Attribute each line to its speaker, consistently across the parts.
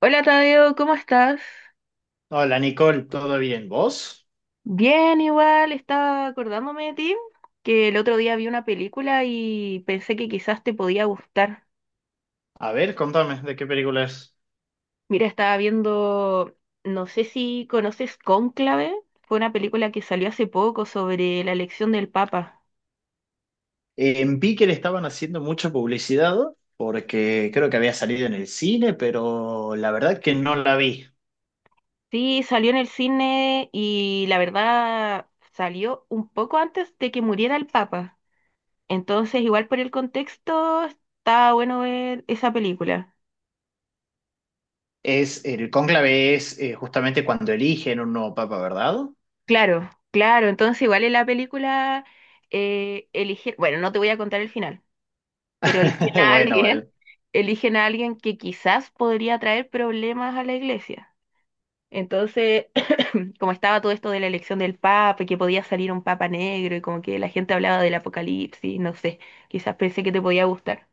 Speaker 1: Hola Tadeo, ¿cómo estás?
Speaker 2: Hola Nicole, ¿todo bien? ¿Vos?
Speaker 1: Bien, igual, estaba acordándome de ti, que el otro día vi una película y pensé que quizás te podía gustar.
Speaker 2: A ver, contame, ¿de qué película es?
Speaker 1: Mira, estaba viendo, no sé si conoces Cónclave, fue una película que salió hace poco sobre la elección del Papa.
Speaker 2: En Pique le estaban haciendo mucha publicidad porque creo que había salido en el cine, pero la verdad que no la vi.
Speaker 1: Sí, salió en el cine y la verdad salió un poco antes de que muriera el Papa. Entonces, igual por el contexto, está bueno ver esa película.
Speaker 2: El cónclave es justamente cuando eligen un nuevo papa, ¿verdad?
Speaker 1: Claro, claro. Entonces, igual en la película eligen, bueno, no te voy a contar el final, pero eligen a
Speaker 2: Bueno, bueno.
Speaker 1: alguien, eligen a alguien que quizás podría traer problemas a la iglesia. Entonces, como estaba todo esto de la elección del papa, y que podía salir un papa negro y como que la gente hablaba del apocalipsis, no sé, quizás pensé que te podía gustar.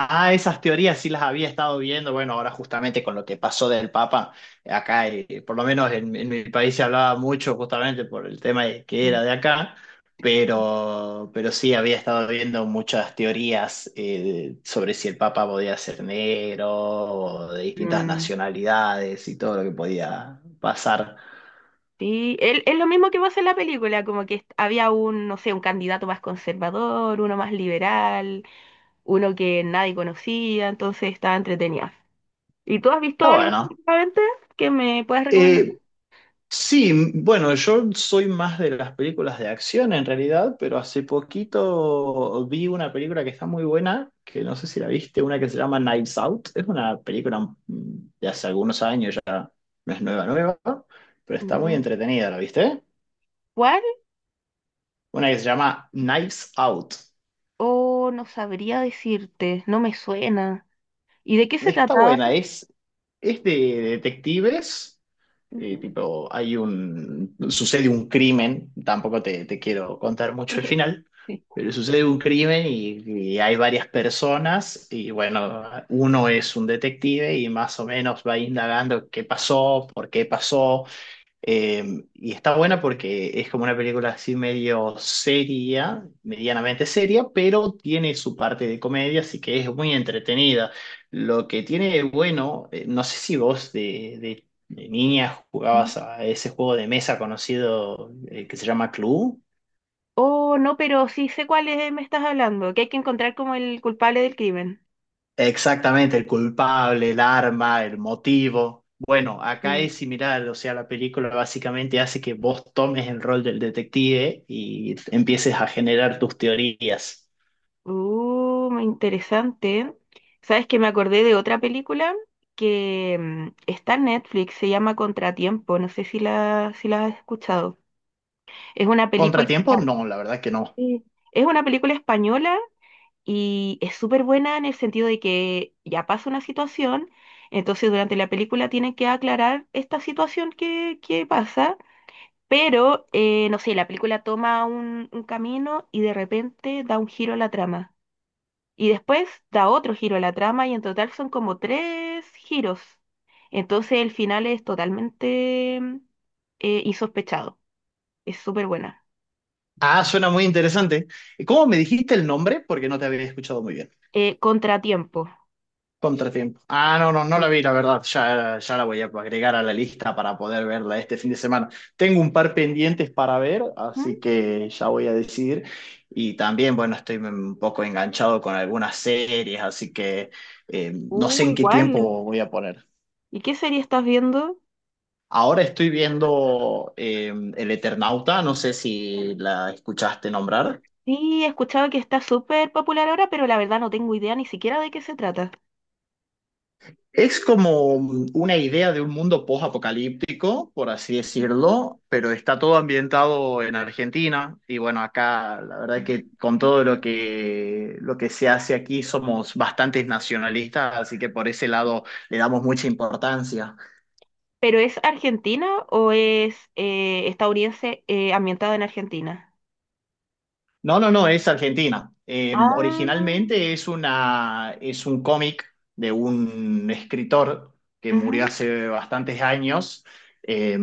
Speaker 2: Ah, esas teorías sí las había estado viendo. Bueno, ahora justamente con lo que pasó del Papa, acá, por lo menos en mi país se hablaba mucho justamente por el tema de que
Speaker 1: Mm.
Speaker 2: era de acá, pero sí había estado viendo muchas teorías sobre si el Papa podía ser negro o de distintas
Speaker 1: Mm,
Speaker 2: nacionalidades y todo lo que podía pasar.
Speaker 1: sí, es lo mismo que pasa en la película, como que había un, no sé, un candidato más conservador, uno más liberal, uno que nadie conocía, entonces estaba entretenida. ¿Y tú has
Speaker 2: Está
Speaker 1: visto algo
Speaker 2: bueno.
Speaker 1: últimamente que me puedas recomendar?
Speaker 2: Eh, Sí, bueno, yo soy más de las películas de acción en realidad, pero hace poquito vi una película que está muy buena, que no sé si la viste, una que se llama Knives Out. Es una película de hace algunos años ya, no es nueva, nueva, pero está muy
Speaker 1: Ya.
Speaker 2: entretenida, ¿la viste?
Speaker 1: ¿Cuál?
Speaker 2: Una que se llama Knives Out.
Speaker 1: Oh, no sabría decirte, no me suena. ¿Y de qué se
Speaker 2: Está
Speaker 1: trataba?
Speaker 2: buena, es de detectives. Y
Speaker 1: Ujú.
Speaker 2: tipo, hay un, sucede un crimen, tampoco te quiero contar mucho el final,
Speaker 1: Sí.
Speaker 2: pero sucede un crimen y hay varias personas y bueno, uno es un detective y más o menos va indagando qué pasó, por qué pasó, y está buena porque es como una película así medio seria, medianamente seria, pero tiene su parte de comedia, así que es muy entretenida. Lo que tiene de bueno, no sé si vos de niña
Speaker 1: Ujú.
Speaker 2: jugabas a ese juego de mesa conocido que se llama Clue.
Speaker 1: Oh, no, pero sí sé cuál es, me estás hablando, que hay que encontrar como el culpable del crimen.
Speaker 2: Exactamente, el culpable, el arma, el motivo. Bueno, acá
Speaker 1: Mm.
Speaker 2: es similar, o sea, la película básicamente hace que vos tomes el rol del detective y empieces a generar tus teorías.
Speaker 1: Muy interesante. ¿Sabes que me acordé de otra película que está en Netflix, se llama Contratiempo, no sé si la, si la has escuchado? Es una película,
Speaker 2: ¿Contratiempo? No, la verdad que no.
Speaker 1: sí, es una película española y es súper buena en el sentido de que ya pasa una situación, entonces durante la película tienen que aclarar esta situación que pasa, pero no sé, la película toma un camino y de repente da un giro a la trama. Y después da otro giro a la trama y en total son como tres giros. Entonces el final es totalmente insospechado. Es súper buena.
Speaker 2: Ah, suena muy interesante. ¿Cómo me dijiste el nombre? Porque no te había escuchado muy bien.
Speaker 1: Contratiempo.
Speaker 2: Contratiempo. Ah, no, no, no la vi, la verdad. Ya, ya la voy a agregar a la lista para poder verla este fin de semana. Tengo un par pendientes para ver,
Speaker 1: Mm.
Speaker 2: así que ya voy a decidir. Y también, bueno, estoy un poco enganchado con algunas series, así que no sé en qué
Speaker 1: Igual.
Speaker 2: tiempo voy a poner.
Speaker 1: ¿Y qué serie estás viendo?
Speaker 2: Ahora estoy viendo El Eternauta, no sé si la escuchaste nombrar.
Speaker 1: Sí, he escuchado que está súper popular ahora, pero la verdad no tengo idea ni siquiera de qué se trata.
Speaker 2: Es como una idea de un mundo post-apocalíptico, por así
Speaker 1: Ujú.
Speaker 2: decirlo, pero está todo ambientado en Argentina. Y bueno, acá la verdad es que con
Speaker 1: Mm.
Speaker 2: todo lo que se hace aquí somos bastantes nacionalistas, así que por ese lado le damos mucha importancia.
Speaker 1: ¿Pero es argentina o es estadounidense ambientada en Argentina?
Speaker 2: No, no, no, es Argentina.
Speaker 1: Ah,
Speaker 2: Originalmente es un cómic de un escritor que murió
Speaker 1: ujú.
Speaker 2: hace bastantes años, eh,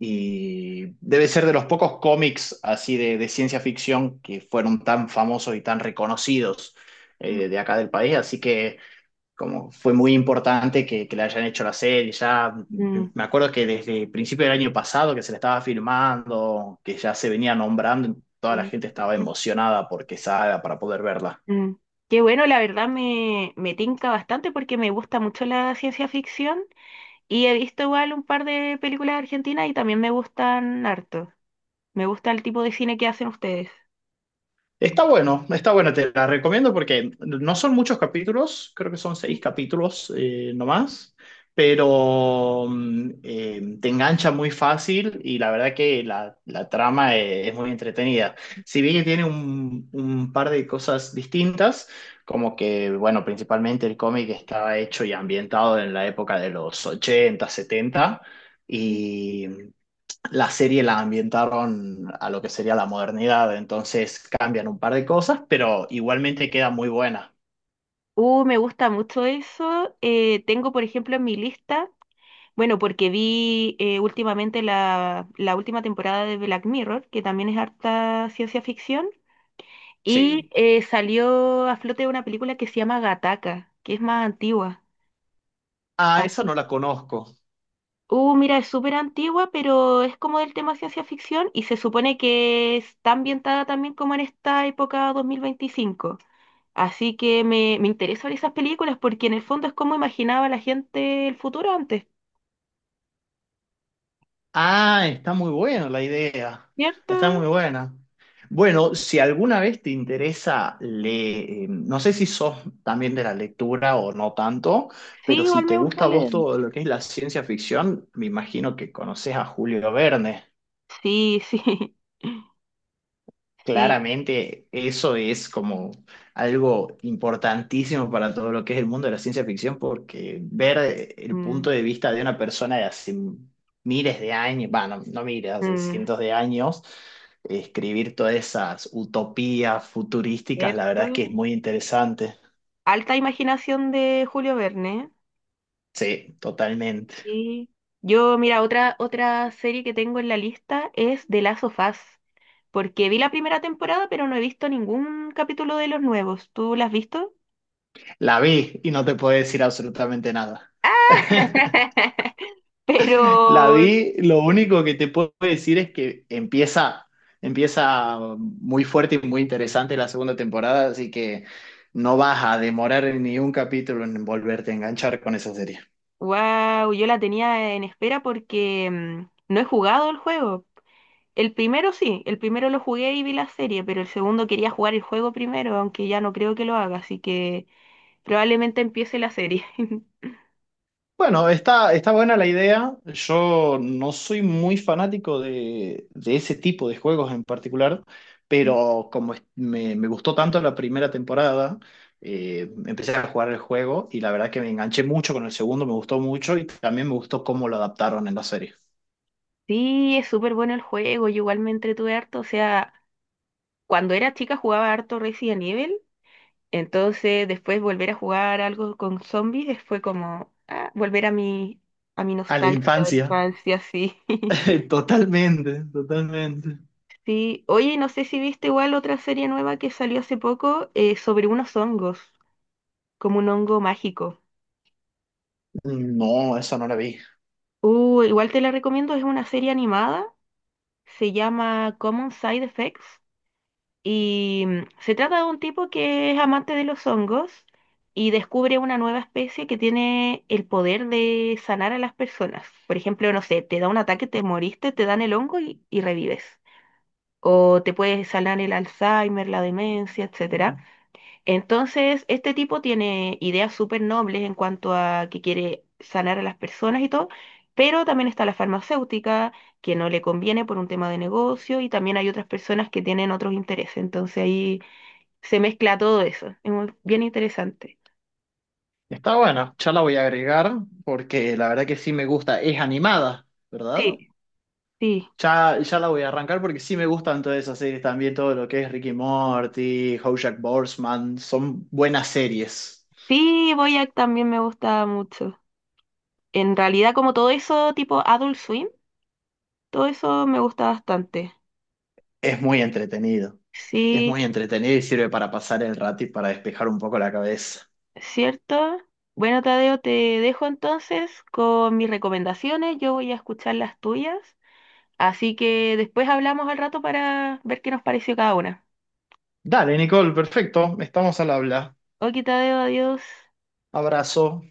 Speaker 2: y debe ser de los pocos cómics así de ciencia ficción que fueron tan famosos y tan reconocidos, de acá del país. Así que como fue muy importante que la hayan hecho la serie. Ya
Speaker 1: Mm,
Speaker 2: me acuerdo que desde el principio del año pasado que se la estaba filmando, que ya se venía nombrando, toda la
Speaker 1: mm,
Speaker 2: gente estaba
Speaker 1: mm,
Speaker 2: emocionada porque salga para poder verla.
Speaker 1: mm. Qué bueno, la verdad me, me tinca bastante porque me gusta mucho la ciencia ficción y he visto igual un par de películas argentinas y también me gustan harto. Me gusta el tipo de cine que hacen ustedes.
Speaker 2: Está bueno, te la recomiendo porque no son muchos capítulos, creo que son seis
Speaker 1: Ujú.
Speaker 2: capítulos nomás, pero te engancha muy fácil y la verdad que la trama es muy entretenida. Si bien que tiene un par de cosas distintas, como que, bueno, principalmente el cómic estaba hecho y ambientado en la época de los 80, setenta. Y la serie la ambientaron a lo que sería la modernidad, entonces cambian un par de cosas, pero igualmente queda muy buena.
Speaker 1: Me gusta mucho eso. Tengo, por ejemplo, en mi lista, bueno, porque vi últimamente la, la última temporada de Black Mirror, que también es harta ciencia ficción, y
Speaker 2: Sí.
Speaker 1: salió a flote una película que se llama Gataca, que es más antigua.
Speaker 2: Ah,
Speaker 1: Ah.
Speaker 2: esa no la conozco.
Speaker 1: Mira, es súper antigua, pero es como del tema ciencia ficción y se supone que está ambientada también como en esta época 2025. Así que me interesan esas películas porque en el fondo es como imaginaba la gente el futuro antes,
Speaker 2: Ah, está muy buena la idea.
Speaker 1: ¿cierto?
Speaker 2: Está muy buena. Bueno, si alguna vez te interesa, le, no sé si sos también de la lectura o no tanto,
Speaker 1: Sí,
Speaker 2: pero si
Speaker 1: igual
Speaker 2: te
Speaker 1: me gusta
Speaker 2: gusta a vos
Speaker 1: leer.
Speaker 2: todo lo que es la ciencia ficción, me imagino que conoces a Julio Verne.
Speaker 1: Sí, sí, sí.
Speaker 2: Claramente, eso es como algo importantísimo para todo lo que es el mundo de la ciencia ficción, porque ver el
Speaker 1: Mm,
Speaker 2: punto de vista de una persona de hace miles de años, bueno, no miles, hace
Speaker 1: mm,
Speaker 2: cientos de años, escribir todas esas utopías futurísticas, la verdad es que
Speaker 1: ¿cierto?
Speaker 2: es muy interesante.
Speaker 1: Alta imaginación de Julio Verne.
Speaker 2: Sí, totalmente.
Speaker 1: Y yo, mira, otra, otra serie que tengo en la lista es The Last of Us, porque vi la primera temporada, pero no he visto ningún capítulo de los nuevos. ¿Tú las has visto?
Speaker 2: La vi y no te puedo decir absolutamente nada. La
Speaker 1: Pero
Speaker 2: vi, lo único que te puedo decir es que empieza, empieza muy fuerte y muy interesante la segunda temporada, así que no vas a demorar ni un capítulo en volverte a enganchar con esa serie.
Speaker 1: wow, yo la tenía en espera porque no he jugado el juego. El primero sí, el primero lo jugué y vi la serie, pero el segundo quería jugar el juego primero, aunque ya no creo que lo haga, así que probablemente empiece la serie.
Speaker 2: Bueno, está, está buena la idea. Yo no soy muy fanático de ese tipo de juegos en particular, pero como me gustó tanto la primera temporada, empecé a jugar el juego y la verdad que me enganché mucho con el segundo, me gustó mucho y también me gustó cómo lo adaptaron en la serie.
Speaker 1: Sí, es súper bueno el juego, yo igual me entretuve harto, o sea, cuando era chica jugaba harto Resident Evil, entonces después volver a jugar algo con zombies fue como ah, volver a mi
Speaker 2: A la
Speaker 1: nostalgia de la
Speaker 2: infancia,
Speaker 1: infancia, sí.
Speaker 2: totalmente, totalmente.
Speaker 1: Sí, oye, no sé si viste igual otra serie nueva que salió hace poco sobre unos hongos, como un hongo mágico.
Speaker 2: No, esa no la vi.
Speaker 1: Igual te la recomiendo, es una serie animada, se llama Common Side Effects y se trata de un tipo que es amante de los hongos y descubre una nueva especie que tiene el poder de sanar a las personas. Por ejemplo, no sé, te da un ataque, te moriste, te dan el hongo y revives. O te puede sanar el Alzheimer, la demencia, etcétera. Entonces, este tipo tiene ideas súper nobles en cuanto a que quiere sanar a las personas y todo, pero también está la farmacéutica, que no le conviene por un tema de negocio, y también hay otras personas que tienen otros intereses. Entonces ahí se mezcla todo eso. Es bien interesante.
Speaker 2: Está buena, ya la voy a agregar porque la verdad que sí me gusta. Es animada, ¿verdad?
Speaker 1: Sí, sí.
Speaker 2: Ya, ya la voy a arrancar porque sí me gustan todas esas series también, todo lo que es Ricky Morty, Jack Borsman, son buenas series.
Speaker 1: Sí, Boyac también me gusta mucho. En realidad, como todo eso tipo Adult Swim, todo eso me gusta bastante.
Speaker 2: Es muy entretenido. Es
Speaker 1: Sí.
Speaker 2: muy entretenido y sirve para pasar el rato y para despejar un poco la cabeza.
Speaker 1: ¿Cierto? Bueno, Tadeo, te dejo entonces con mis recomendaciones. Yo voy a escuchar las tuyas. Así que después hablamos al rato para ver qué nos pareció cada una.
Speaker 2: Dale, Nicole, perfecto. Estamos al habla.
Speaker 1: Ok, Tadeo, adiós.
Speaker 2: Abrazo.